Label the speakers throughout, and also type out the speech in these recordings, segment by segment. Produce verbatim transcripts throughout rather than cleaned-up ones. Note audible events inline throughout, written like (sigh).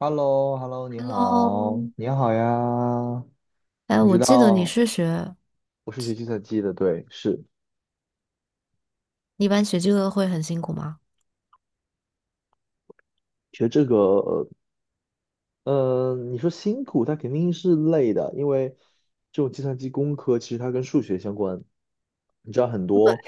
Speaker 1: h e l l o h e l l o 你
Speaker 2: Hello,
Speaker 1: 好，你好呀。
Speaker 2: 哎，
Speaker 1: 知
Speaker 2: 我记得你
Speaker 1: 道
Speaker 2: 是学，
Speaker 1: 我是学计算机的，对，是
Speaker 2: 你一般学这个会很辛苦吗？
Speaker 1: 学这个。呃，你说辛苦，它肯定是累的，因为这种计算机工科其实它跟数学相关。你知道很多，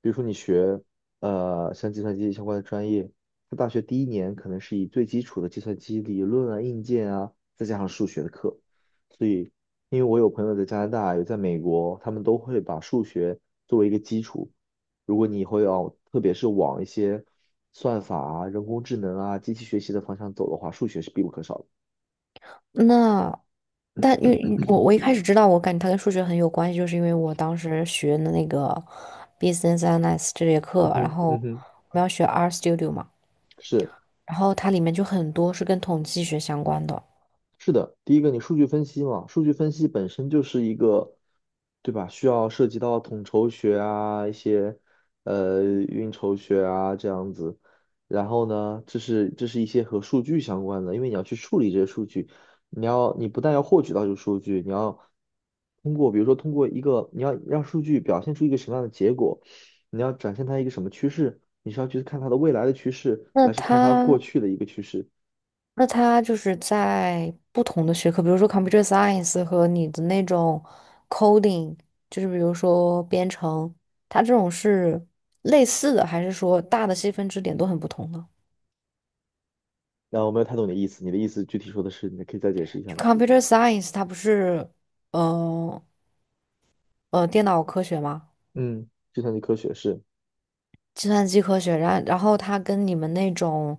Speaker 1: 比如说你学呃像计算机相关的专业，它大学第一年可能是以最基础的计算机理论啊、硬件啊，再加上数学的课。所以，因为我有朋友在加拿大，有在美国，他们都会把数学作为一个基础。如果你以后要，特别是往一些算法啊、人工智能啊、机器学习的方向走的话，数学是必不可少的。
Speaker 2: 那，但因为我我一开始知道，我感觉它跟数学很有关系，就是因为我当时学的那个 business analysis 这节
Speaker 1: 嗯
Speaker 2: 课，然
Speaker 1: 哼，
Speaker 2: 后
Speaker 1: 嗯
Speaker 2: 我
Speaker 1: 哼，
Speaker 2: 们要学 R Studio 嘛，
Speaker 1: 是。
Speaker 2: 然后它里面就很多是跟统计学相关的。
Speaker 1: 是的，第一个你数据分析嘛，数据分析本身就是一个，对吧？需要涉及到统筹学啊，一些呃运筹学啊这样子。然后呢，这是这是一些和数据相关的，因为你要去处理这些数据，你要你不但要获取到这个数据，你要通过比如说通过一个你要让数据表现出一个什么样的结果，你要展现它一个什么趋势，你是要去看它的未来的趋势，
Speaker 2: 那
Speaker 1: 还是看它
Speaker 2: 它
Speaker 1: 过去的一个趋势？
Speaker 2: 那它就是在不同的学科，比如说 computer science 和你的那种 coding，就是比如说编程，它这种是类似的，还是说大的细分支点都很不同呢？
Speaker 1: 然后我没有太懂你的意思，你的意思具体说的是，你可以再解释一下
Speaker 2: 就
Speaker 1: 吗？
Speaker 2: computer science 它不是，呃呃，电脑科学吗？
Speaker 1: 嗯，计算机科学是，
Speaker 2: 计算机科学，然然后它跟你们那种，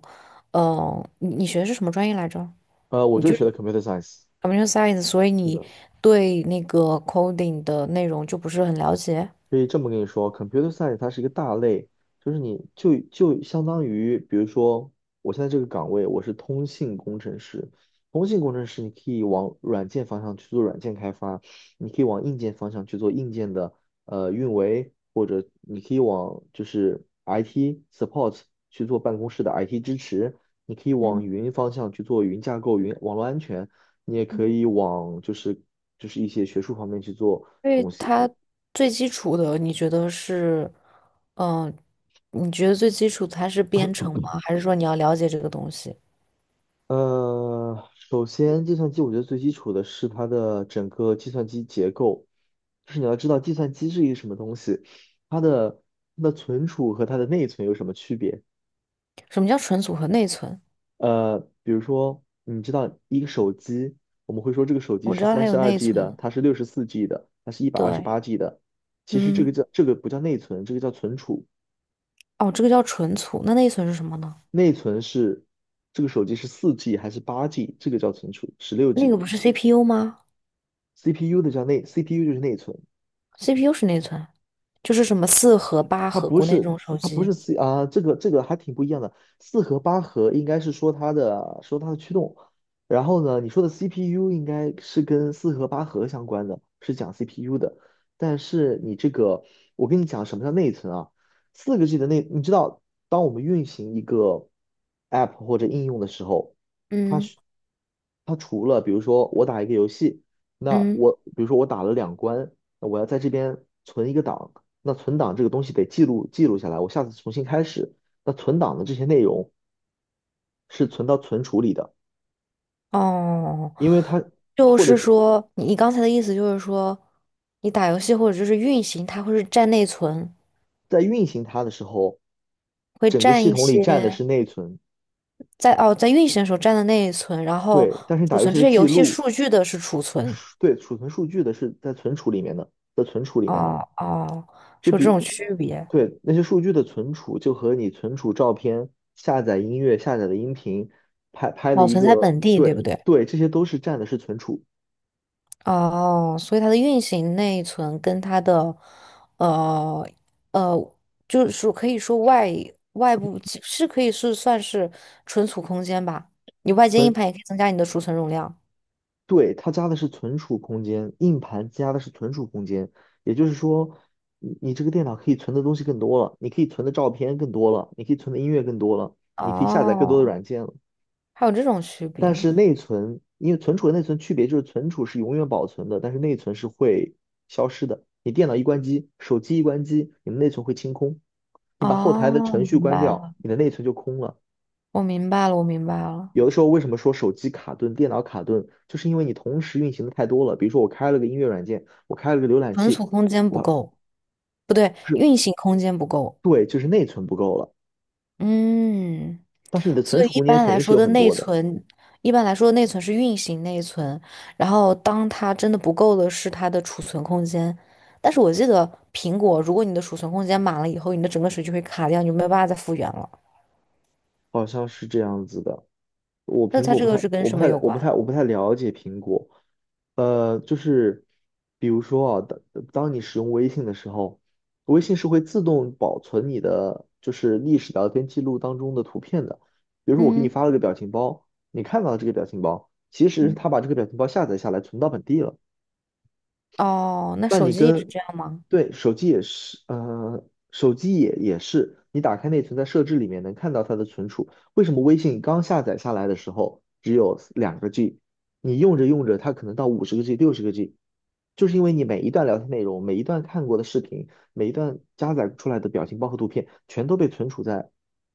Speaker 2: 呃，你你学的是什么专业来着？
Speaker 1: 呃，我
Speaker 2: 你
Speaker 1: 就
Speaker 2: 就
Speaker 1: 是学
Speaker 2: 是
Speaker 1: 的 computer science,
Speaker 2: computer science，所以
Speaker 1: 是
Speaker 2: 你
Speaker 1: 的。
Speaker 2: 对那个 coding 的内容就不是很了解。
Speaker 1: 可以这么跟你说，computer science 它是一个大类，就是你就就相当于，比如说我现在这个岗位我是通信工程师，通信工程师你可以往软件方向去做软件开发，你可以往硬件方向去做硬件的呃运维，或者你可以往就是 I T support 去做办公室的 I T 支持，你可以往云方向去做云架构、云网络安全，你也可以往就是就是一些学术方面去做。
Speaker 2: 因为
Speaker 1: 东西。
Speaker 2: 它最基础的，你觉得是，嗯、你觉得最基础的它是编程吗？还是说你要了解这个东西？
Speaker 1: 呃，首先，计算机我觉得最基础的是它的整个计算机结构，就是你要知道计算机是一个什么东西，它的它的存储和它的内存有什么区别？
Speaker 2: 什么叫存储和内存？
Speaker 1: 呃，比如说，你知道一个手机，我们会说这个手机
Speaker 2: 我知
Speaker 1: 是
Speaker 2: 道
Speaker 1: 三
Speaker 2: 它有
Speaker 1: 十二
Speaker 2: 内
Speaker 1: G
Speaker 2: 存。
Speaker 1: 的，它是六十四 G 的，它是一百二十
Speaker 2: 对。
Speaker 1: 八 G 的。其实这
Speaker 2: 嗯。
Speaker 1: 个叫，这个不叫内存，这个叫存储。
Speaker 2: 哦，这个叫存储，那内存是什么呢？
Speaker 1: 内存是这个手机是四 G 还是八 G,这个叫存储，十六
Speaker 2: 那个
Speaker 1: G。
Speaker 2: 不是 C P U 吗
Speaker 1: C P U 的叫内，C P U 就是内存。
Speaker 2: ？C P U 是内存，就是什么四核、八
Speaker 1: 它
Speaker 2: 核，
Speaker 1: 不
Speaker 2: 国内这
Speaker 1: 是，
Speaker 2: 种手
Speaker 1: 它不
Speaker 2: 机。
Speaker 1: 是 c 啊，这个这个还挺不一样的。四核八核应该是说它的，说它的驱动，然后呢，你说的 C P U 应该是跟四核八核相关的，是讲 C P U 的。但是你这个，我跟你讲什么叫内存啊？四个 G 的内，你知道，当我们运行一个 App 或者应用的时候，它
Speaker 2: 嗯
Speaker 1: 是它除了比如说我打一个游戏，那
Speaker 2: 嗯。
Speaker 1: 我比如说我打了两关，那我要在这边存一个档。那存档这个东西得记录记录下来，我下次重新开始。那存档的这些内容是存到存储里的，
Speaker 2: 哦，
Speaker 1: 因为它，
Speaker 2: 就
Speaker 1: 或者
Speaker 2: 是
Speaker 1: 就，
Speaker 2: 说，你你刚才的意思就是说，你打游戏或者就是运行，它会是占内存。
Speaker 1: 在运行它的时候，
Speaker 2: 会
Speaker 1: 整个
Speaker 2: 占
Speaker 1: 系
Speaker 2: 一
Speaker 1: 统里占的
Speaker 2: 些
Speaker 1: 是内存。
Speaker 2: 在哦，在运行的时候占的内存，然后
Speaker 1: 对。但是你
Speaker 2: 储
Speaker 1: 打游
Speaker 2: 存
Speaker 1: 戏
Speaker 2: 这
Speaker 1: 的
Speaker 2: 些
Speaker 1: 记
Speaker 2: 游戏
Speaker 1: 录，
Speaker 2: 数据的是储存。
Speaker 1: 数，对，储存数据的是在存储里面的，
Speaker 2: 哦哦，
Speaker 1: 就
Speaker 2: 是有这
Speaker 1: 比
Speaker 2: 种区别。
Speaker 1: 对那些数据的存储，就和你存储照片、下载音乐、下载的音频、拍拍的
Speaker 2: 保
Speaker 1: 一
Speaker 2: 存在
Speaker 1: 个，
Speaker 2: 本地，对不
Speaker 1: 对
Speaker 2: 对？
Speaker 1: 对，这些都是占的是存储。
Speaker 2: 哦，所以它的运行内存跟它的呃呃，就是说可以说外外部其是可以是算是存储空间吧。你外接硬盘也可以增加你的储存容量。
Speaker 1: 对，它加的是存储空间，硬盘加的是存储空间，也就是说，你，你这个电脑可以存的东西更多了，你可以存的照片更多了，你可以存的音乐更多了，你可以下载更多的
Speaker 2: 哦，
Speaker 1: 软件了。
Speaker 2: 还有这种区
Speaker 1: 但
Speaker 2: 别。
Speaker 1: 是内存，因为存储和内存区别就是存储是永远保存的，但是内存是会消失的。你电脑一关机，手机一关机，你的内存会清空。你把后台的
Speaker 2: 哦，
Speaker 1: 程序
Speaker 2: 明
Speaker 1: 关
Speaker 2: 白了，
Speaker 1: 掉，你的内存就空了。
Speaker 2: 我明白了，我明白了。
Speaker 1: 有的时候为什么说手机卡顿、电脑卡顿，就是因为你同时运行的太多了。比如说我开了个音乐软件，我开了个浏览
Speaker 2: 存
Speaker 1: 器，
Speaker 2: 储空间不
Speaker 1: 我。
Speaker 2: 够，不对，
Speaker 1: 不是。
Speaker 2: 运行空间不够。
Speaker 1: 对，就是内存不够了，
Speaker 2: 嗯，
Speaker 1: 但是你的存
Speaker 2: 所以
Speaker 1: 储
Speaker 2: 一
Speaker 1: 空间
Speaker 2: 般
Speaker 1: 肯
Speaker 2: 来
Speaker 1: 定是
Speaker 2: 说
Speaker 1: 有
Speaker 2: 的
Speaker 1: 很
Speaker 2: 内
Speaker 1: 多的，
Speaker 2: 存，一般来说的内存是运行内存，然后当它真的不够的是它的储存空间。但是我记得苹果，如果你的储存空间满了以后，你的整个手机会卡掉，你就没有办法再复原了。
Speaker 1: 好像是这样子的。我
Speaker 2: 那
Speaker 1: 苹
Speaker 2: 它
Speaker 1: 果
Speaker 2: 这
Speaker 1: 不
Speaker 2: 个
Speaker 1: 太，
Speaker 2: 是跟
Speaker 1: 我不
Speaker 2: 什么
Speaker 1: 太，
Speaker 2: 有
Speaker 1: 我
Speaker 2: 关？
Speaker 1: 不太，我不太了解苹果。呃，就是比如说啊，当当你使用微信的时候，微信是会自动保存你的就是历史聊天记录当中的图片的。比如说我给你
Speaker 2: 嗯
Speaker 1: 发了个表情包，你看到了这个表情包，其实
Speaker 2: 嗯。
Speaker 1: 它把这个表情包下载下来存到本地了。
Speaker 2: 哦，那
Speaker 1: 那
Speaker 2: 手
Speaker 1: 你
Speaker 2: 机也是
Speaker 1: 跟，
Speaker 2: 这样吗？
Speaker 1: 对，手机也是，呃，手机也也是，你打开内存，在设置里面能看到它的存储。为什么微信刚下载下来的时候只有两个 G,你用着用着，它可能到五十个 G、六十个 G,就是因为你每一段聊天内容、每一段看过的视频、每一段加载出来的表情包和图片，全都被存储在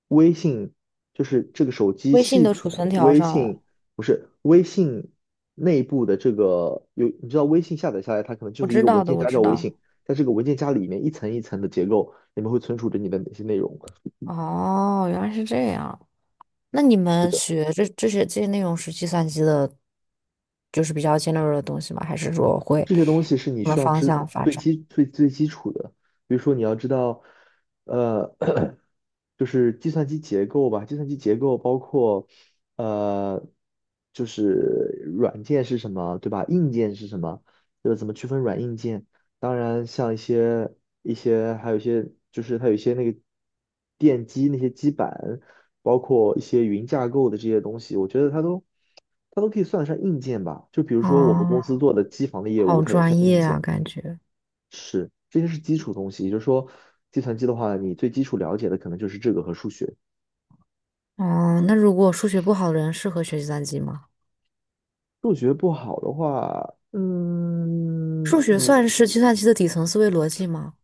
Speaker 1: 微信，就是这个手机
Speaker 2: 微信
Speaker 1: 系
Speaker 2: 的
Speaker 1: 统。
Speaker 2: 储存条
Speaker 1: 微
Speaker 2: 上了，
Speaker 1: 信不是微信内部的这个有，你知道微信下载下来，它可能就
Speaker 2: 我
Speaker 1: 是一
Speaker 2: 知
Speaker 1: 个文
Speaker 2: 道的，
Speaker 1: 件
Speaker 2: 我
Speaker 1: 夹
Speaker 2: 知
Speaker 1: 叫微信，
Speaker 2: 道。
Speaker 1: 在这个文件夹里面一层一层的结构，里面会存储着你的哪些内容。
Speaker 2: 哦，原来是这样。那你
Speaker 1: 是
Speaker 2: 们
Speaker 1: 的。
Speaker 2: 学这这些这些内容是计算机的，就是比较尖锐的东西吗？还是说会
Speaker 1: 这些东西是你
Speaker 2: 往的
Speaker 1: 需要
Speaker 2: 方
Speaker 1: 知
Speaker 2: 向发
Speaker 1: 最
Speaker 2: 展？
Speaker 1: 基最最基础的，比如说你要知道，呃，(coughs) (clears throat) 就是计算机结构吧，计算机结构包括，呃，就是软件是什么，对吧？硬件是什么，就是怎么区分软硬件。当然，像一些一些还有一些就是它有一些那个电机那些基板，包括一些云架构的这些东西，我觉得它都。它都可以算得上硬件吧。就比如说我们公
Speaker 2: 啊，
Speaker 1: 司做的机房的业务，
Speaker 2: 好
Speaker 1: 它也算
Speaker 2: 专
Speaker 1: 硬
Speaker 2: 业啊，
Speaker 1: 件，
Speaker 2: 感觉。
Speaker 1: 是，这些是基础东西。也就是说，计算机的话，你最基础了解的可能就是这个和数学。
Speaker 2: 哦，那如果数学不好的人适合学计算机吗？
Speaker 1: 数学不好的话，嗯，
Speaker 2: 数学
Speaker 1: 你
Speaker 2: 算是计算机的底层思维逻辑吗？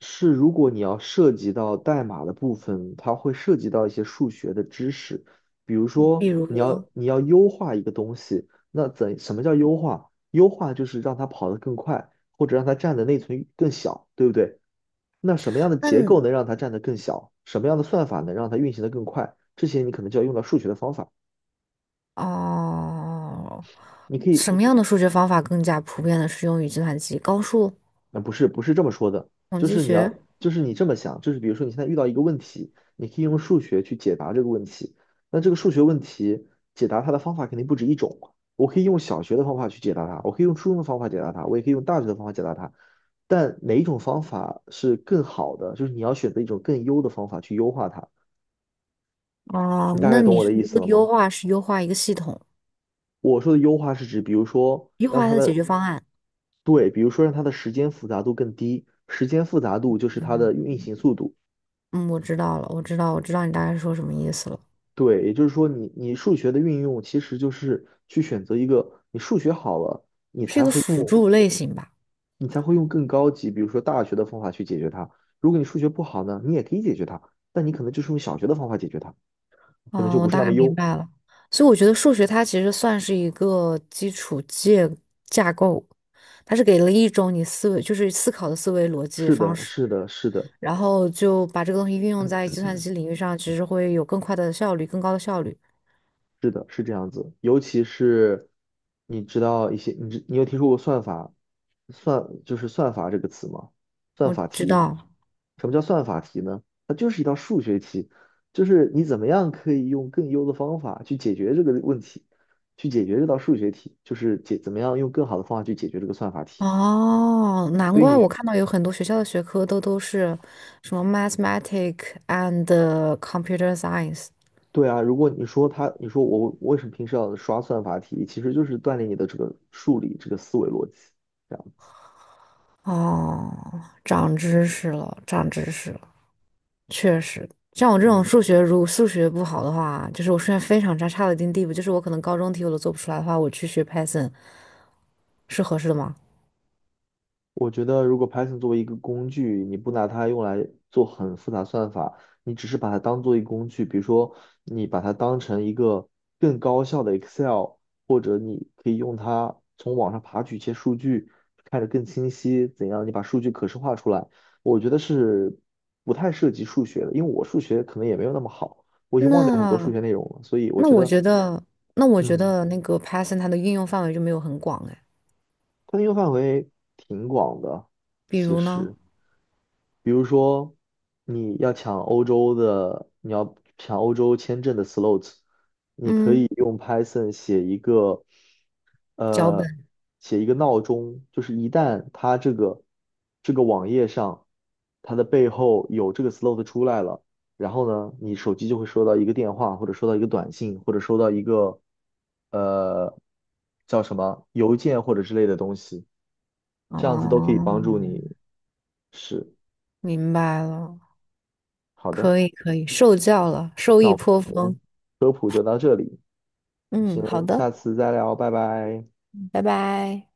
Speaker 1: 是。如果你要涉及到代码的部分，它会涉及到一些数学的知识，比如
Speaker 2: 比
Speaker 1: 说你
Speaker 2: 如，
Speaker 1: 要，你要优化一个东西，那怎什么叫优化？优化就是让它跑得更快，或者让它占的内存更小，对不对？那什么样的
Speaker 2: 那
Speaker 1: 结构能让它占得更小？什么样的算法能让它运行得更快？这些你可能就要用到数学的方法。
Speaker 2: 哦，
Speaker 1: 你可以，
Speaker 2: 什么样的数学方法更加普遍的适用于计算机？高数、
Speaker 1: 呃，不是不是这么说的，
Speaker 2: 统
Speaker 1: 就
Speaker 2: 计
Speaker 1: 是你
Speaker 2: 学？
Speaker 1: 要，就是你这么想，就是比如说你现在遇到一个问题，你可以用数学去解答这个问题。那这个数学问题解答它的方法肯定不止一种。我可以用小学的方法去解答它，我可以用初中的方法解答它，我也可以用大学的方法解答它。但哪一种方法是更好的？就是你要选择一种更优的方法去优化它。
Speaker 2: 哦，
Speaker 1: 你大
Speaker 2: 那
Speaker 1: 概懂
Speaker 2: 你
Speaker 1: 我的
Speaker 2: 是不
Speaker 1: 意思了
Speaker 2: 是优
Speaker 1: 吗？
Speaker 2: 化是优化一个系统，
Speaker 1: 我说的优化是指，比如说
Speaker 2: 优
Speaker 1: 让
Speaker 2: 化
Speaker 1: 它
Speaker 2: 它的解
Speaker 1: 的，
Speaker 2: 决方案？
Speaker 1: 对，比如说让它的时间复杂度更低，时间复杂度就是它的运行速度。
Speaker 2: 嗯，我知道了，我知道，我知道你大概说什么意思了，
Speaker 1: 对，也就是说你，你数学的运用其实就是去选择一个。你数学好了，
Speaker 2: 是一个辅助类型吧？
Speaker 1: 你才会用更高级，比如说大学的方法去解决它。如果你数学不好呢，你也可以解决它，但你可能就是用小学的方法解决它，可能
Speaker 2: 啊，
Speaker 1: 就不
Speaker 2: 我
Speaker 1: 是
Speaker 2: 大
Speaker 1: 那
Speaker 2: 概
Speaker 1: 么
Speaker 2: 明
Speaker 1: 优。
Speaker 2: 白了。所以我觉得数学它其实算是一个基础建架构，它是给了一种你思维，就是思考的思维逻辑
Speaker 1: 是
Speaker 2: 方
Speaker 1: 的，
Speaker 2: 式，
Speaker 1: 是的，是的。
Speaker 2: 然后就把这个东西运用在计算机领域上，其实会有更快的效率，更高的效率。
Speaker 1: 是的，是这样子，尤其是你知道一些，你知你有听说过算法，算就是算法这个词吗？算
Speaker 2: 我
Speaker 1: 法
Speaker 2: 知
Speaker 1: 题，
Speaker 2: 道。
Speaker 1: 什么叫算法题呢？它就是一道数学题，就是你怎么样可以用更优的方法去解决这个问题，去解决这道数学题，就是解怎么样用更好的方法去解决这个算法题。
Speaker 2: 哦，难
Speaker 1: 所以
Speaker 2: 怪
Speaker 1: 你，
Speaker 2: 我看到有很多学校的学科都都是什么 mathematics and computer science。
Speaker 1: 对啊，如果你说他，你说我为什么平时要刷算法题，其实就是锻炼你的这个数理这个思维逻辑，这样子，
Speaker 2: 哦，长知识了，长知识了，确实。像我这种数
Speaker 1: 嗯。
Speaker 2: 学，如果数学不好的话，就是我数学非常差，差到一定地步，就是我可能高中题我都做不出来的话，我去学 Python 是合适的吗？
Speaker 1: 我觉得，如果 Python 作为一个工具，你不拿它用来做很复杂算法，你只是把它当做一个工具，比如说你把它当成一个更高效的 Excel,或者你可以用它从网上爬取一些数据，看着更清晰，怎样你把数据可视化出来，我觉得是不太涉及数学的，因为我数学可能也没有那么好，我已经忘掉很多数
Speaker 2: 那
Speaker 1: 学内容了，所以我
Speaker 2: 那
Speaker 1: 觉
Speaker 2: 我
Speaker 1: 得，
Speaker 2: 觉得，那我觉
Speaker 1: 嗯，
Speaker 2: 得那个 Python 它的应用范围就没有很广哎，
Speaker 1: 它的应用范围挺广的，
Speaker 2: 比
Speaker 1: 其
Speaker 2: 如呢，
Speaker 1: 实。比如说，你要抢欧洲的，你要抢欧洲签证的 slot,你可以
Speaker 2: 嗯，
Speaker 1: 用 Python 写一个，
Speaker 2: 脚
Speaker 1: 呃，
Speaker 2: 本
Speaker 1: 写一个闹钟，就是一旦它这个这个网页上，它的背后有这个 slot 出来了，然后呢，你手机就会收到一个电话，或者收到一个短信，或者收到一个，呃，叫什么邮件或者之类的东西，这样子都可以帮助
Speaker 2: 哦，
Speaker 1: 你。是，
Speaker 2: 明白了，
Speaker 1: 好的。
Speaker 2: 可以可以，受教了，受
Speaker 1: 那
Speaker 2: 益颇
Speaker 1: 我
Speaker 2: 丰。
Speaker 1: 们先
Speaker 2: 嗯，好
Speaker 1: 先
Speaker 2: 的，
Speaker 1: 下次再聊，拜拜。
Speaker 2: 拜拜。